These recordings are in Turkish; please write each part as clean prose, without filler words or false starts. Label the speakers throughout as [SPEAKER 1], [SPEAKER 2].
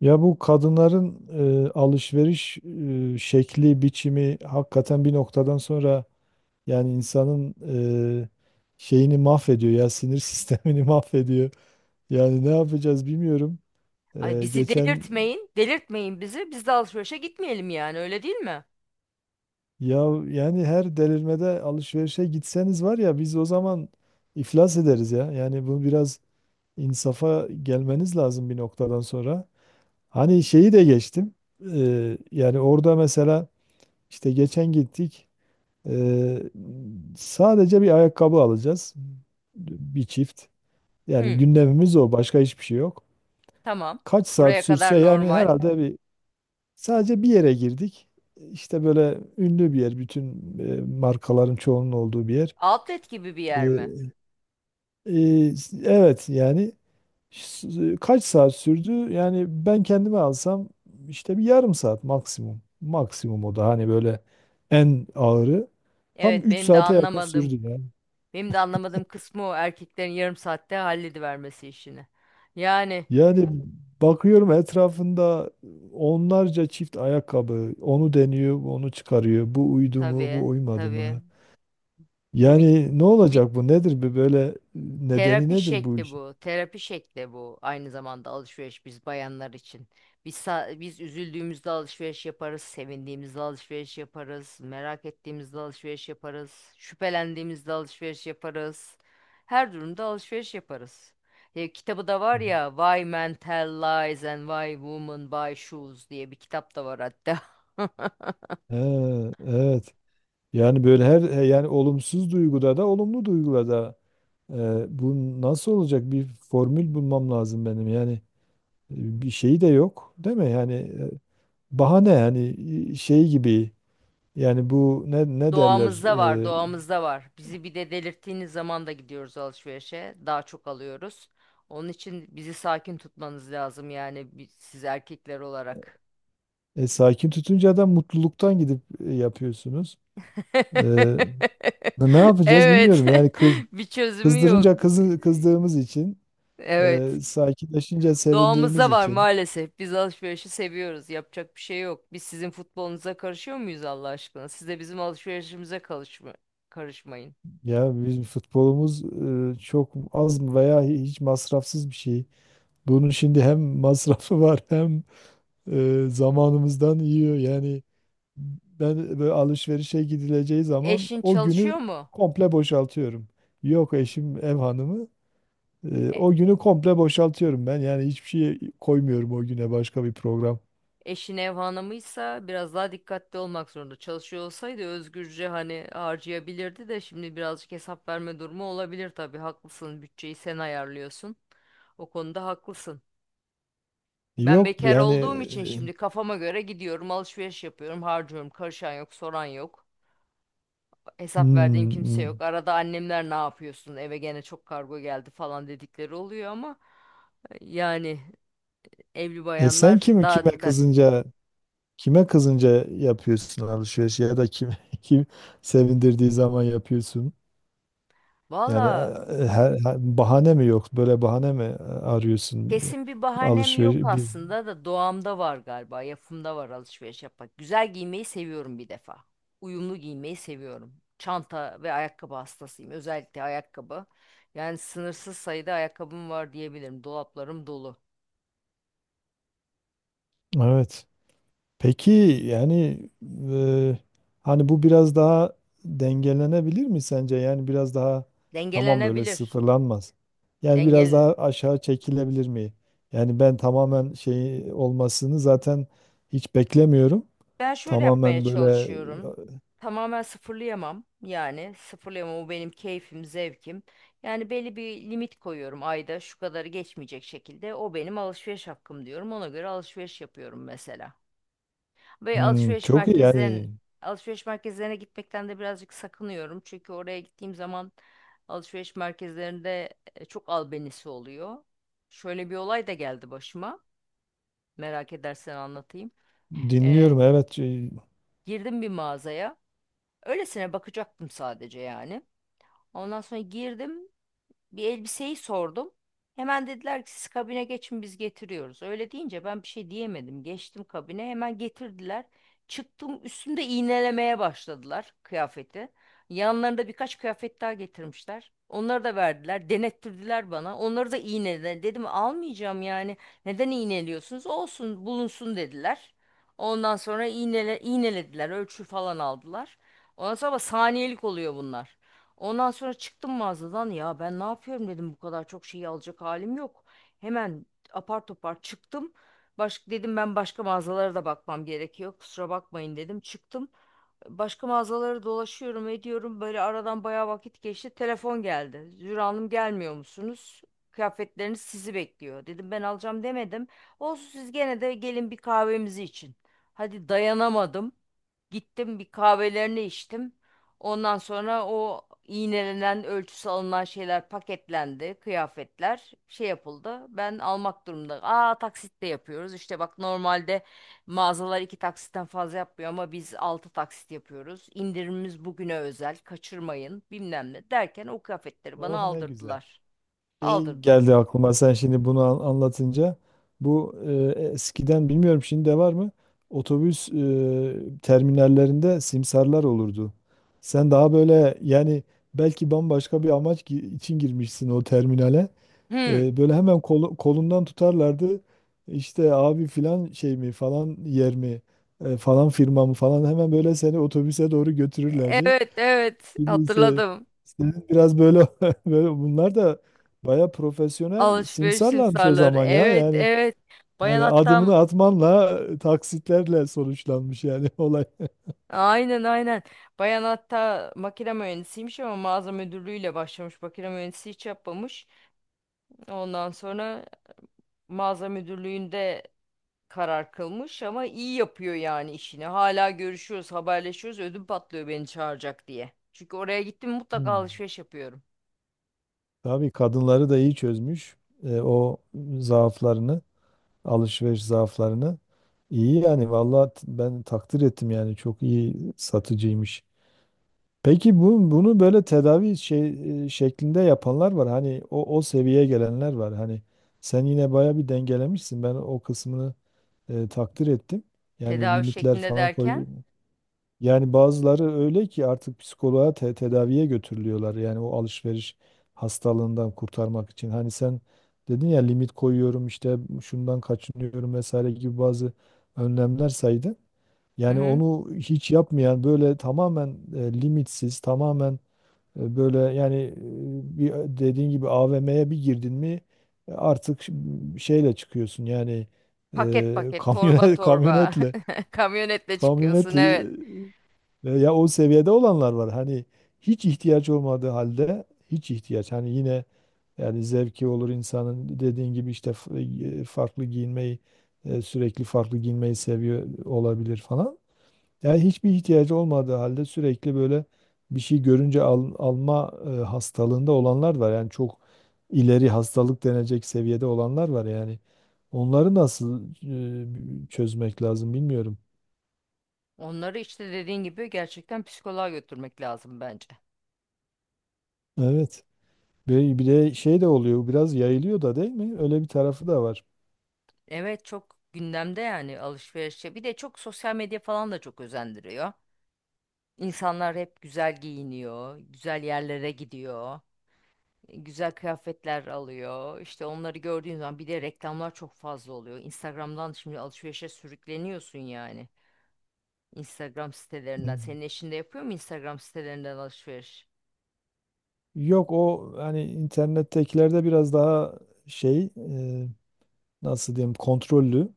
[SPEAKER 1] Ya bu kadınların alışveriş şekli, biçimi hakikaten bir noktadan sonra yani insanın e, şeyini mahvediyor ya sinir sistemini mahvediyor. Yani ne yapacağız bilmiyorum.
[SPEAKER 2] Ay
[SPEAKER 1] E,
[SPEAKER 2] bizi
[SPEAKER 1] geçen
[SPEAKER 2] delirtmeyin, delirtmeyin bizi. Biz de alışverişe gitmeyelim yani, öyle değil mi?
[SPEAKER 1] ya yani her delirmede alışverişe gitseniz var ya biz o zaman iflas ederiz ya. Yani bu biraz insafa gelmeniz lazım bir noktadan sonra. Hani şeyi de geçtim. Yani orada mesela işte geçen gittik. Ee, Sadece bir ayakkabı alacağız. Bir çift. Yani
[SPEAKER 2] Hı,
[SPEAKER 1] gündemimiz o. Başka hiçbir şey yok.
[SPEAKER 2] tamam.
[SPEAKER 1] Kaç saat
[SPEAKER 2] Buraya kadar
[SPEAKER 1] sürse yani
[SPEAKER 2] normal.
[SPEAKER 1] herhalde bir sadece bir yere girdik. İşte böyle ünlü bir yer. Bütün markaların çoğunun olduğu bir yer.
[SPEAKER 2] Outlet gibi bir yer mi?
[SPEAKER 1] Ee, e, evet yani kaç saat sürdü? Yani ben kendime alsam işte bir yarım saat maksimum. Maksimum o da hani böyle en ağırı. Tam
[SPEAKER 2] Evet,
[SPEAKER 1] 3
[SPEAKER 2] benim de
[SPEAKER 1] saate yakın
[SPEAKER 2] anlamadığım,
[SPEAKER 1] sürdü ya.
[SPEAKER 2] benim de anlamadığım kısmı o erkeklerin yarım saatte halledivermesi işini. Yani
[SPEAKER 1] Yani bakıyorum etrafında onlarca çift ayakkabı. Onu deniyor, onu çıkarıyor. Bu uydu mu, bu
[SPEAKER 2] tabii,
[SPEAKER 1] uymadı
[SPEAKER 2] tabii.
[SPEAKER 1] mı?
[SPEAKER 2] Bu bir
[SPEAKER 1] Yani ne
[SPEAKER 2] bu bir
[SPEAKER 1] olacak bu? Nedir bu böyle nedeni
[SPEAKER 2] Terapi
[SPEAKER 1] nedir bu
[SPEAKER 2] şekli
[SPEAKER 1] işin?
[SPEAKER 2] bu. Terapi şekli bu. Aynı zamanda alışveriş biz bayanlar için. Biz üzüldüğümüzde alışveriş yaparız, sevindiğimizde alışveriş yaparız, merak ettiğimizde alışveriş yaparız, şüphelendiğimizde alışveriş yaparız. Her durumda alışveriş yaparız. E, kitabı da
[SPEAKER 1] Hı
[SPEAKER 2] var
[SPEAKER 1] hı.
[SPEAKER 2] ya Why Men Tell Lies and Why Women Buy Shoes diye bir kitap da var hatta.
[SPEAKER 1] He, evet. Yani böyle her yani olumsuz duyguda da olumlu duyguda da bu nasıl olacak? Bir formül bulmam lazım benim. Yani bir şeyi de yok, değil mi? Yani bahane yani şey gibi yani bu ne ne derler?
[SPEAKER 2] Doğamızda var, doğamızda var. Bizi bir de delirttiğiniz zaman da gidiyoruz alışverişe. Daha çok alıyoruz. Onun için bizi sakin tutmanız lazım yani siz erkekler olarak.
[SPEAKER 1] Sakin tutunca da mutluluktan gidip yapıyorsunuz. E, Ne ne yapacağız
[SPEAKER 2] Evet.
[SPEAKER 1] bilmiyorum. Yani kız
[SPEAKER 2] Bir çözümü yok.
[SPEAKER 1] kızdırınca kızı kızdığımız için,
[SPEAKER 2] Evet.
[SPEAKER 1] sakinleşince sevindiğimiz
[SPEAKER 2] Doğamızda var
[SPEAKER 1] için.
[SPEAKER 2] maalesef. Biz alışverişi seviyoruz. Yapacak bir şey yok. Biz sizin futbolunuza karışıyor muyuz Allah aşkına? Siz de bizim alışverişimize karışmayın.
[SPEAKER 1] Ya bizim futbolumuz çok az mı veya hiç masrafsız bir şey. Bunun şimdi hem masrafı var hem zamanımızdan yiyor. Yani ben böyle alışverişe gidileceği zaman
[SPEAKER 2] Eşin
[SPEAKER 1] o günü
[SPEAKER 2] çalışıyor mu?
[SPEAKER 1] komple boşaltıyorum. Yok eşim ev hanımı.
[SPEAKER 2] E,
[SPEAKER 1] O günü komple boşaltıyorum ben. Yani hiçbir şey koymuyorum o güne başka bir program.
[SPEAKER 2] Eşin ev hanımıysa biraz daha dikkatli olmak zorunda. Çalışıyor olsaydı özgürce hani harcayabilirdi de şimdi birazcık hesap verme durumu olabilir tabii. Haklısın. Bütçeyi sen ayarlıyorsun. O konuda haklısın. Ben
[SPEAKER 1] Yok
[SPEAKER 2] bekar
[SPEAKER 1] yani
[SPEAKER 2] olduğum için
[SPEAKER 1] e,
[SPEAKER 2] şimdi kafama göre gidiyorum, alışveriş yapıyorum, harcıyorum. Karışan yok, soran yok. Hesap verdiğim
[SPEAKER 1] Hmm,
[SPEAKER 2] kimse
[SPEAKER 1] hmm.
[SPEAKER 2] yok. Arada annemler ne yapıyorsun? Eve gene çok kargo geldi falan dedikleri oluyor ama yani evli
[SPEAKER 1] E sen
[SPEAKER 2] bayanlar
[SPEAKER 1] kim
[SPEAKER 2] daha
[SPEAKER 1] kime
[SPEAKER 2] dikkatli.
[SPEAKER 1] kızınca kime kızınca yapıyorsun alışveriş ya da kim kim sevindirdiği zaman yapıyorsun? Yani
[SPEAKER 2] Valla,
[SPEAKER 1] her, bahane mi yok? Böyle bahane mi arıyorsun
[SPEAKER 2] kesin bir bahanem yok
[SPEAKER 1] alışveriş bir.
[SPEAKER 2] aslında da doğamda var galiba. Yapımda var alışveriş yapmak. Güzel giymeyi seviyorum bir defa. Uyumlu giymeyi seviyorum. Çanta ve ayakkabı hastasıyım. Özellikle ayakkabı. Yani sınırsız sayıda ayakkabım var diyebilirim. Dolaplarım dolu.
[SPEAKER 1] Evet. Peki yani e, hani bu biraz daha dengelenebilir mi sence? Yani biraz daha tamam böyle
[SPEAKER 2] Dengelenebilir.
[SPEAKER 1] sıfırlanmaz. Yani biraz
[SPEAKER 2] dengel
[SPEAKER 1] daha aşağı çekilebilir mi? Yani ben tamamen şey olmasını zaten hiç beklemiyorum.
[SPEAKER 2] Ben şöyle yapmaya
[SPEAKER 1] Tamamen böyle
[SPEAKER 2] çalışıyorum. Tamamen sıfırlayamam. Yani sıfırlayamam, o benim keyfim, zevkim. Yani belli bir limit koyuyorum, ayda şu kadarı geçmeyecek şekilde. O benim alışveriş hakkım diyorum. Ona göre alışveriş yapıyorum mesela. Ve
[SPEAKER 1] hmm, çok iyi yani
[SPEAKER 2] alışveriş merkezlerine gitmekten de birazcık sakınıyorum. Çünkü oraya gittiğim zaman alışveriş merkezlerinde çok albenisi oluyor. Şöyle bir olay da geldi başıma. Merak edersen anlatayım. E,
[SPEAKER 1] dinliyorum evet.
[SPEAKER 2] girdim bir mağazaya. Öylesine bakacaktım sadece yani. Ondan sonra girdim, bir elbiseyi sordum. Hemen dediler ki siz kabine geçin, biz getiriyoruz. Öyle deyince ben bir şey diyemedim. Geçtim kabine, hemen getirdiler. Çıktım, üstümde iğnelemeye başladılar kıyafeti. Yanlarında birkaç kıyafet daha getirmişler. Onları da verdiler, denettirdiler bana. Onları da iğnelediler. Dedim almayacağım yani. Neden iğneliyorsunuz? Olsun, bulunsun dediler. Ondan sonra iğnele, iğnelediler, ölçü falan aldılar. Ondan sonra ama saniyelik oluyor bunlar. Ondan sonra çıktım mağazadan, ya ben ne yapıyorum dedim, bu kadar çok şeyi alacak halim yok. Hemen apar topar çıktım. Dedim ben başka mağazalara da bakmam gerekiyor. Kusura bakmayın dedim. Çıktım. Başka mağazaları dolaşıyorum, ediyorum. Böyle aradan bayağı vakit geçti. Telefon geldi. Zühre Hanım gelmiyor musunuz? Kıyafetleriniz sizi bekliyor. Dedim ben alacağım demedim. Olsun, siz gene de gelin, bir kahvemizi için. Hadi dayanamadım. Gittim, bir kahvelerini içtim. Ondan sonra o iğnelenen, ölçüsü alınan şeyler paketlendi. Kıyafetler şey yapıldı. Ben almak durumunda. Aa, taksitle yapıyoruz. İşte bak, normalde mağazalar iki taksitten fazla yapmıyor ama biz altı taksit yapıyoruz. İndirimimiz bugüne özel, kaçırmayın bilmem ne derken o kıyafetleri bana
[SPEAKER 1] Oh ne güzel.
[SPEAKER 2] aldırdılar.
[SPEAKER 1] Şey
[SPEAKER 2] Aldırdılar.
[SPEAKER 1] geldi aklıma sen şimdi bunu anlatınca. Bu eskiden bilmiyorum şimdi de var mı? Otobüs terminallerinde simsarlar olurdu. Sen daha böyle yani belki bambaşka bir amaç için girmişsin o terminale.
[SPEAKER 2] Hı.
[SPEAKER 1] Böyle hemen kolundan tutarlardı. İşte abi filan şey mi falan yer mi falan firma mı falan hemen böyle seni otobüse doğru götürürlerdi.
[SPEAKER 2] Evet, evet,
[SPEAKER 1] Şimdi ise
[SPEAKER 2] hatırladım.
[SPEAKER 1] senin biraz böyle böyle bunlar da baya profesyonel
[SPEAKER 2] Alışveriş
[SPEAKER 1] simsarlarmış o
[SPEAKER 2] simsarları.
[SPEAKER 1] zaman ya.
[SPEAKER 2] Evet,
[SPEAKER 1] Yani
[SPEAKER 2] evet. Bayan
[SPEAKER 1] yani
[SPEAKER 2] hatta
[SPEAKER 1] adımını atmanla taksitlerle sonuçlanmış yani olay.
[SPEAKER 2] Aynen, aynen. Bayan hatta makine mühendisiymiş ama mağaza müdürlüğüyle başlamış. Makine mühendisi hiç yapmamış. Ondan sonra mağaza müdürlüğünde karar kılmış ama iyi yapıyor yani işini. Hala görüşüyoruz, haberleşiyoruz. Ödüm patlıyor beni çağıracak diye. Çünkü oraya gittim mutlaka
[SPEAKER 1] Hmm.
[SPEAKER 2] alışveriş yapıyorum.
[SPEAKER 1] Tabii kadınları da iyi çözmüş o zaaflarını. Alışveriş zaaflarını. İyi yani vallahi ben takdir ettim yani çok iyi satıcıymış. Peki bu bunu böyle tedavi şey şeklinde yapanlar var. Hani o o seviyeye gelenler var. Hani sen yine baya bir dengelemişsin. Ben o kısmını takdir ettim. Yani
[SPEAKER 2] Tedavi
[SPEAKER 1] limitler
[SPEAKER 2] şeklinde
[SPEAKER 1] falan koy,
[SPEAKER 2] derken,
[SPEAKER 1] yani bazıları öyle ki artık psikoloğa tedaviye götürülüyorlar. Yani o alışveriş hastalığından kurtarmak için. Hani sen dedin ya limit koyuyorum işte şundan kaçınıyorum vesaire gibi bazı önlemler saydın.
[SPEAKER 2] hı
[SPEAKER 1] Yani
[SPEAKER 2] hı.
[SPEAKER 1] onu hiç yapmayan böyle tamamen limitsiz, tamamen böyle yani bir dediğin gibi AVM'ye bir girdin mi artık şeyle çıkıyorsun. Yani
[SPEAKER 2] Paket paket, torba
[SPEAKER 1] kamyonet
[SPEAKER 2] torba,
[SPEAKER 1] kamyonetle
[SPEAKER 2] kamyonetle çıkıyorsun,
[SPEAKER 1] kamyonetle
[SPEAKER 2] evet.
[SPEAKER 1] e, ya o seviyede olanlar var. Hani hiç ihtiyaç olmadığı halde hiç ihtiyaç. Hani yine yani zevki olur insanın dediğin gibi işte farklı giyinmeyi sürekli farklı giyinmeyi seviyor olabilir falan. Yani hiçbir ihtiyacı olmadığı halde sürekli böyle bir şey görünce alma hastalığında olanlar var. Yani çok ileri hastalık denecek seviyede olanlar var yani. Onları nasıl çözmek lazım bilmiyorum.
[SPEAKER 2] Onları işte dediğin gibi gerçekten psikoloğa götürmek lazım bence.
[SPEAKER 1] Evet. Ve bir de şey de oluyor biraz yayılıyor da değil mi? Öyle bir tarafı da var.
[SPEAKER 2] Evet, çok gündemde yani alışverişe. Bir de çok sosyal medya falan da çok özendiriyor. İnsanlar hep güzel giyiniyor, güzel yerlere gidiyor, güzel kıyafetler alıyor. İşte onları gördüğün zaman bir de reklamlar çok fazla oluyor. Instagram'dan şimdi alışverişe sürükleniyorsun yani. Instagram sitelerinden.
[SPEAKER 1] Hmm.
[SPEAKER 2] Senin eşin de yapıyor mu Instagram sitelerinden alışveriş?
[SPEAKER 1] Yok o hani internettekilerde biraz daha şey nasıl diyeyim kontrollü.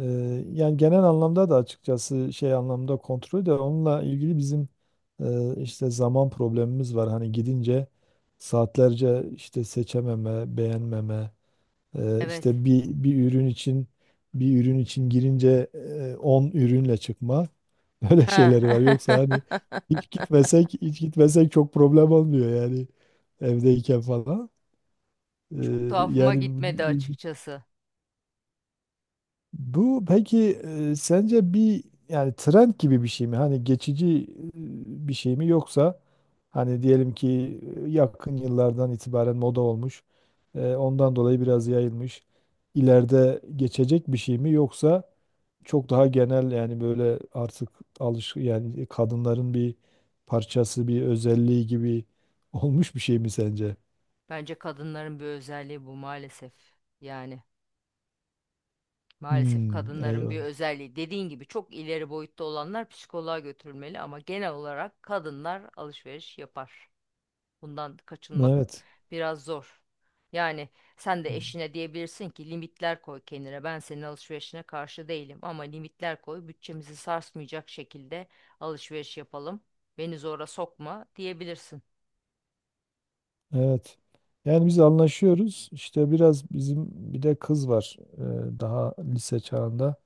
[SPEAKER 1] E, Yani genel anlamda da açıkçası şey anlamda kontrol de onunla ilgili bizim işte zaman problemimiz var. Hani gidince saatlerce işte seçememe, beğenmeme.
[SPEAKER 2] Evet.
[SPEAKER 1] İşte bir ürün için bir ürün için girince 10 ürünle çıkma. Öyle şeyleri var. Yoksa
[SPEAKER 2] Ha.
[SPEAKER 1] hani hiç gitmesek çok problem olmuyor yani evdeyken falan.
[SPEAKER 2] Çok
[SPEAKER 1] Ee,
[SPEAKER 2] tuhafıma
[SPEAKER 1] Yani
[SPEAKER 2] gitmedi açıkçası.
[SPEAKER 1] bu peki sence bir yani trend gibi bir şey mi? Hani geçici bir şey mi yoksa hani diyelim ki yakın yıllardan itibaren moda olmuş, ondan dolayı biraz yayılmış. İleride geçecek bir şey mi yoksa çok daha genel yani böyle artık alış yani kadınların bir parçası, bir özelliği gibi olmuş bir şey mi sence?
[SPEAKER 2] Bence kadınların bir özelliği bu maalesef. Yani maalesef
[SPEAKER 1] Hmm,
[SPEAKER 2] kadınların bir
[SPEAKER 1] eyvallah.
[SPEAKER 2] özelliği. Dediğin gibi çok ileri boyutta olanlar psikoloğa götürülmeli ama genel olarak kadınlar alışveriş yapar. Bundan kaçınmak
[SPEAKER 1] Evet.
[SPEAKER 2] biraz zor. Yani sen de
[SPEAKER 1] Hmm.
[SPEAKER 2] eşine diyebilirsin ki limitler koy kendine. Ben senin alışverişine karşı değilim ama limitler koy. Bütçemizi sarsmayacak şekilde alışveriş yapalım. Beni zora sokma diyebilirsin.
[SPEAKER 1] Evet. Yani biz anlaşıyoruz. İşte biraz bizim bir de kız var daha lise çağında.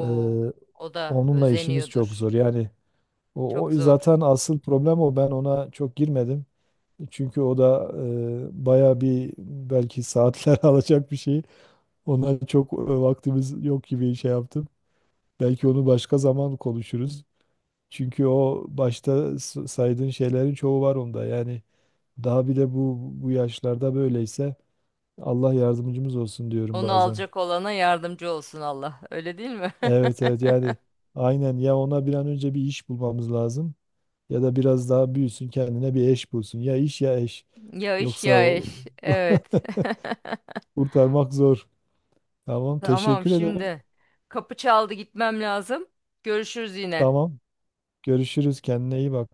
[SPEAKER 1] E,
[SPEAKER 2] o da
[SPEAKER 1] Onunla işimiz çok
[SPEAKER 2] özeniyordur.
[SPEAKER 1] zor. Yani o,
[SPEAKER 2] Çok
[SPEAKER 1] o
[SPEAKER 2] zor.
[SPEAKER 1] zaten asıl problem o. Ben ona çok girmedim. Çünkü o da baya bir belki saatler alacak bir şey. Ona çok vaktimiz yok gibi şey yaptım. Belki onu başka zaman konuşuruz. Çünkü o başta saydığın şeylerin çoğu var onda. Yani daha bir de bu yaşlarda böyleyse. Allah yardımcımız olsun diyorum
[SPEAKER 2] Onu
[SPEAKER 1] bazen.
[SPEAKER 2] alacak olana yardımcı olsun Allah. Öyle değil mi?
[SPEAKER 1] Evet evet yani aynen ya ona bir an önce bir iş bulmamız lazım ya da biraz daha büyüsün kendine bir eş bulsun. Ya iş ya eş.
[SPEAKER 2] Ya iş
[SPEAKER 1] Yoksa
[SPEAKER 2] ya iş. Evet.
[SPEAKER 1] kurtarmak zor. Tamam
[SPEAKER 2] Tamam
[SPEAKER 1] teşekkür ederim.
[SPEAKER 2] şimdi. Kapı çaldı, gitmem lazım. Görüşürüz yine.
[SPEAKER 1] Tamam görüşürüz kendine iyi bak.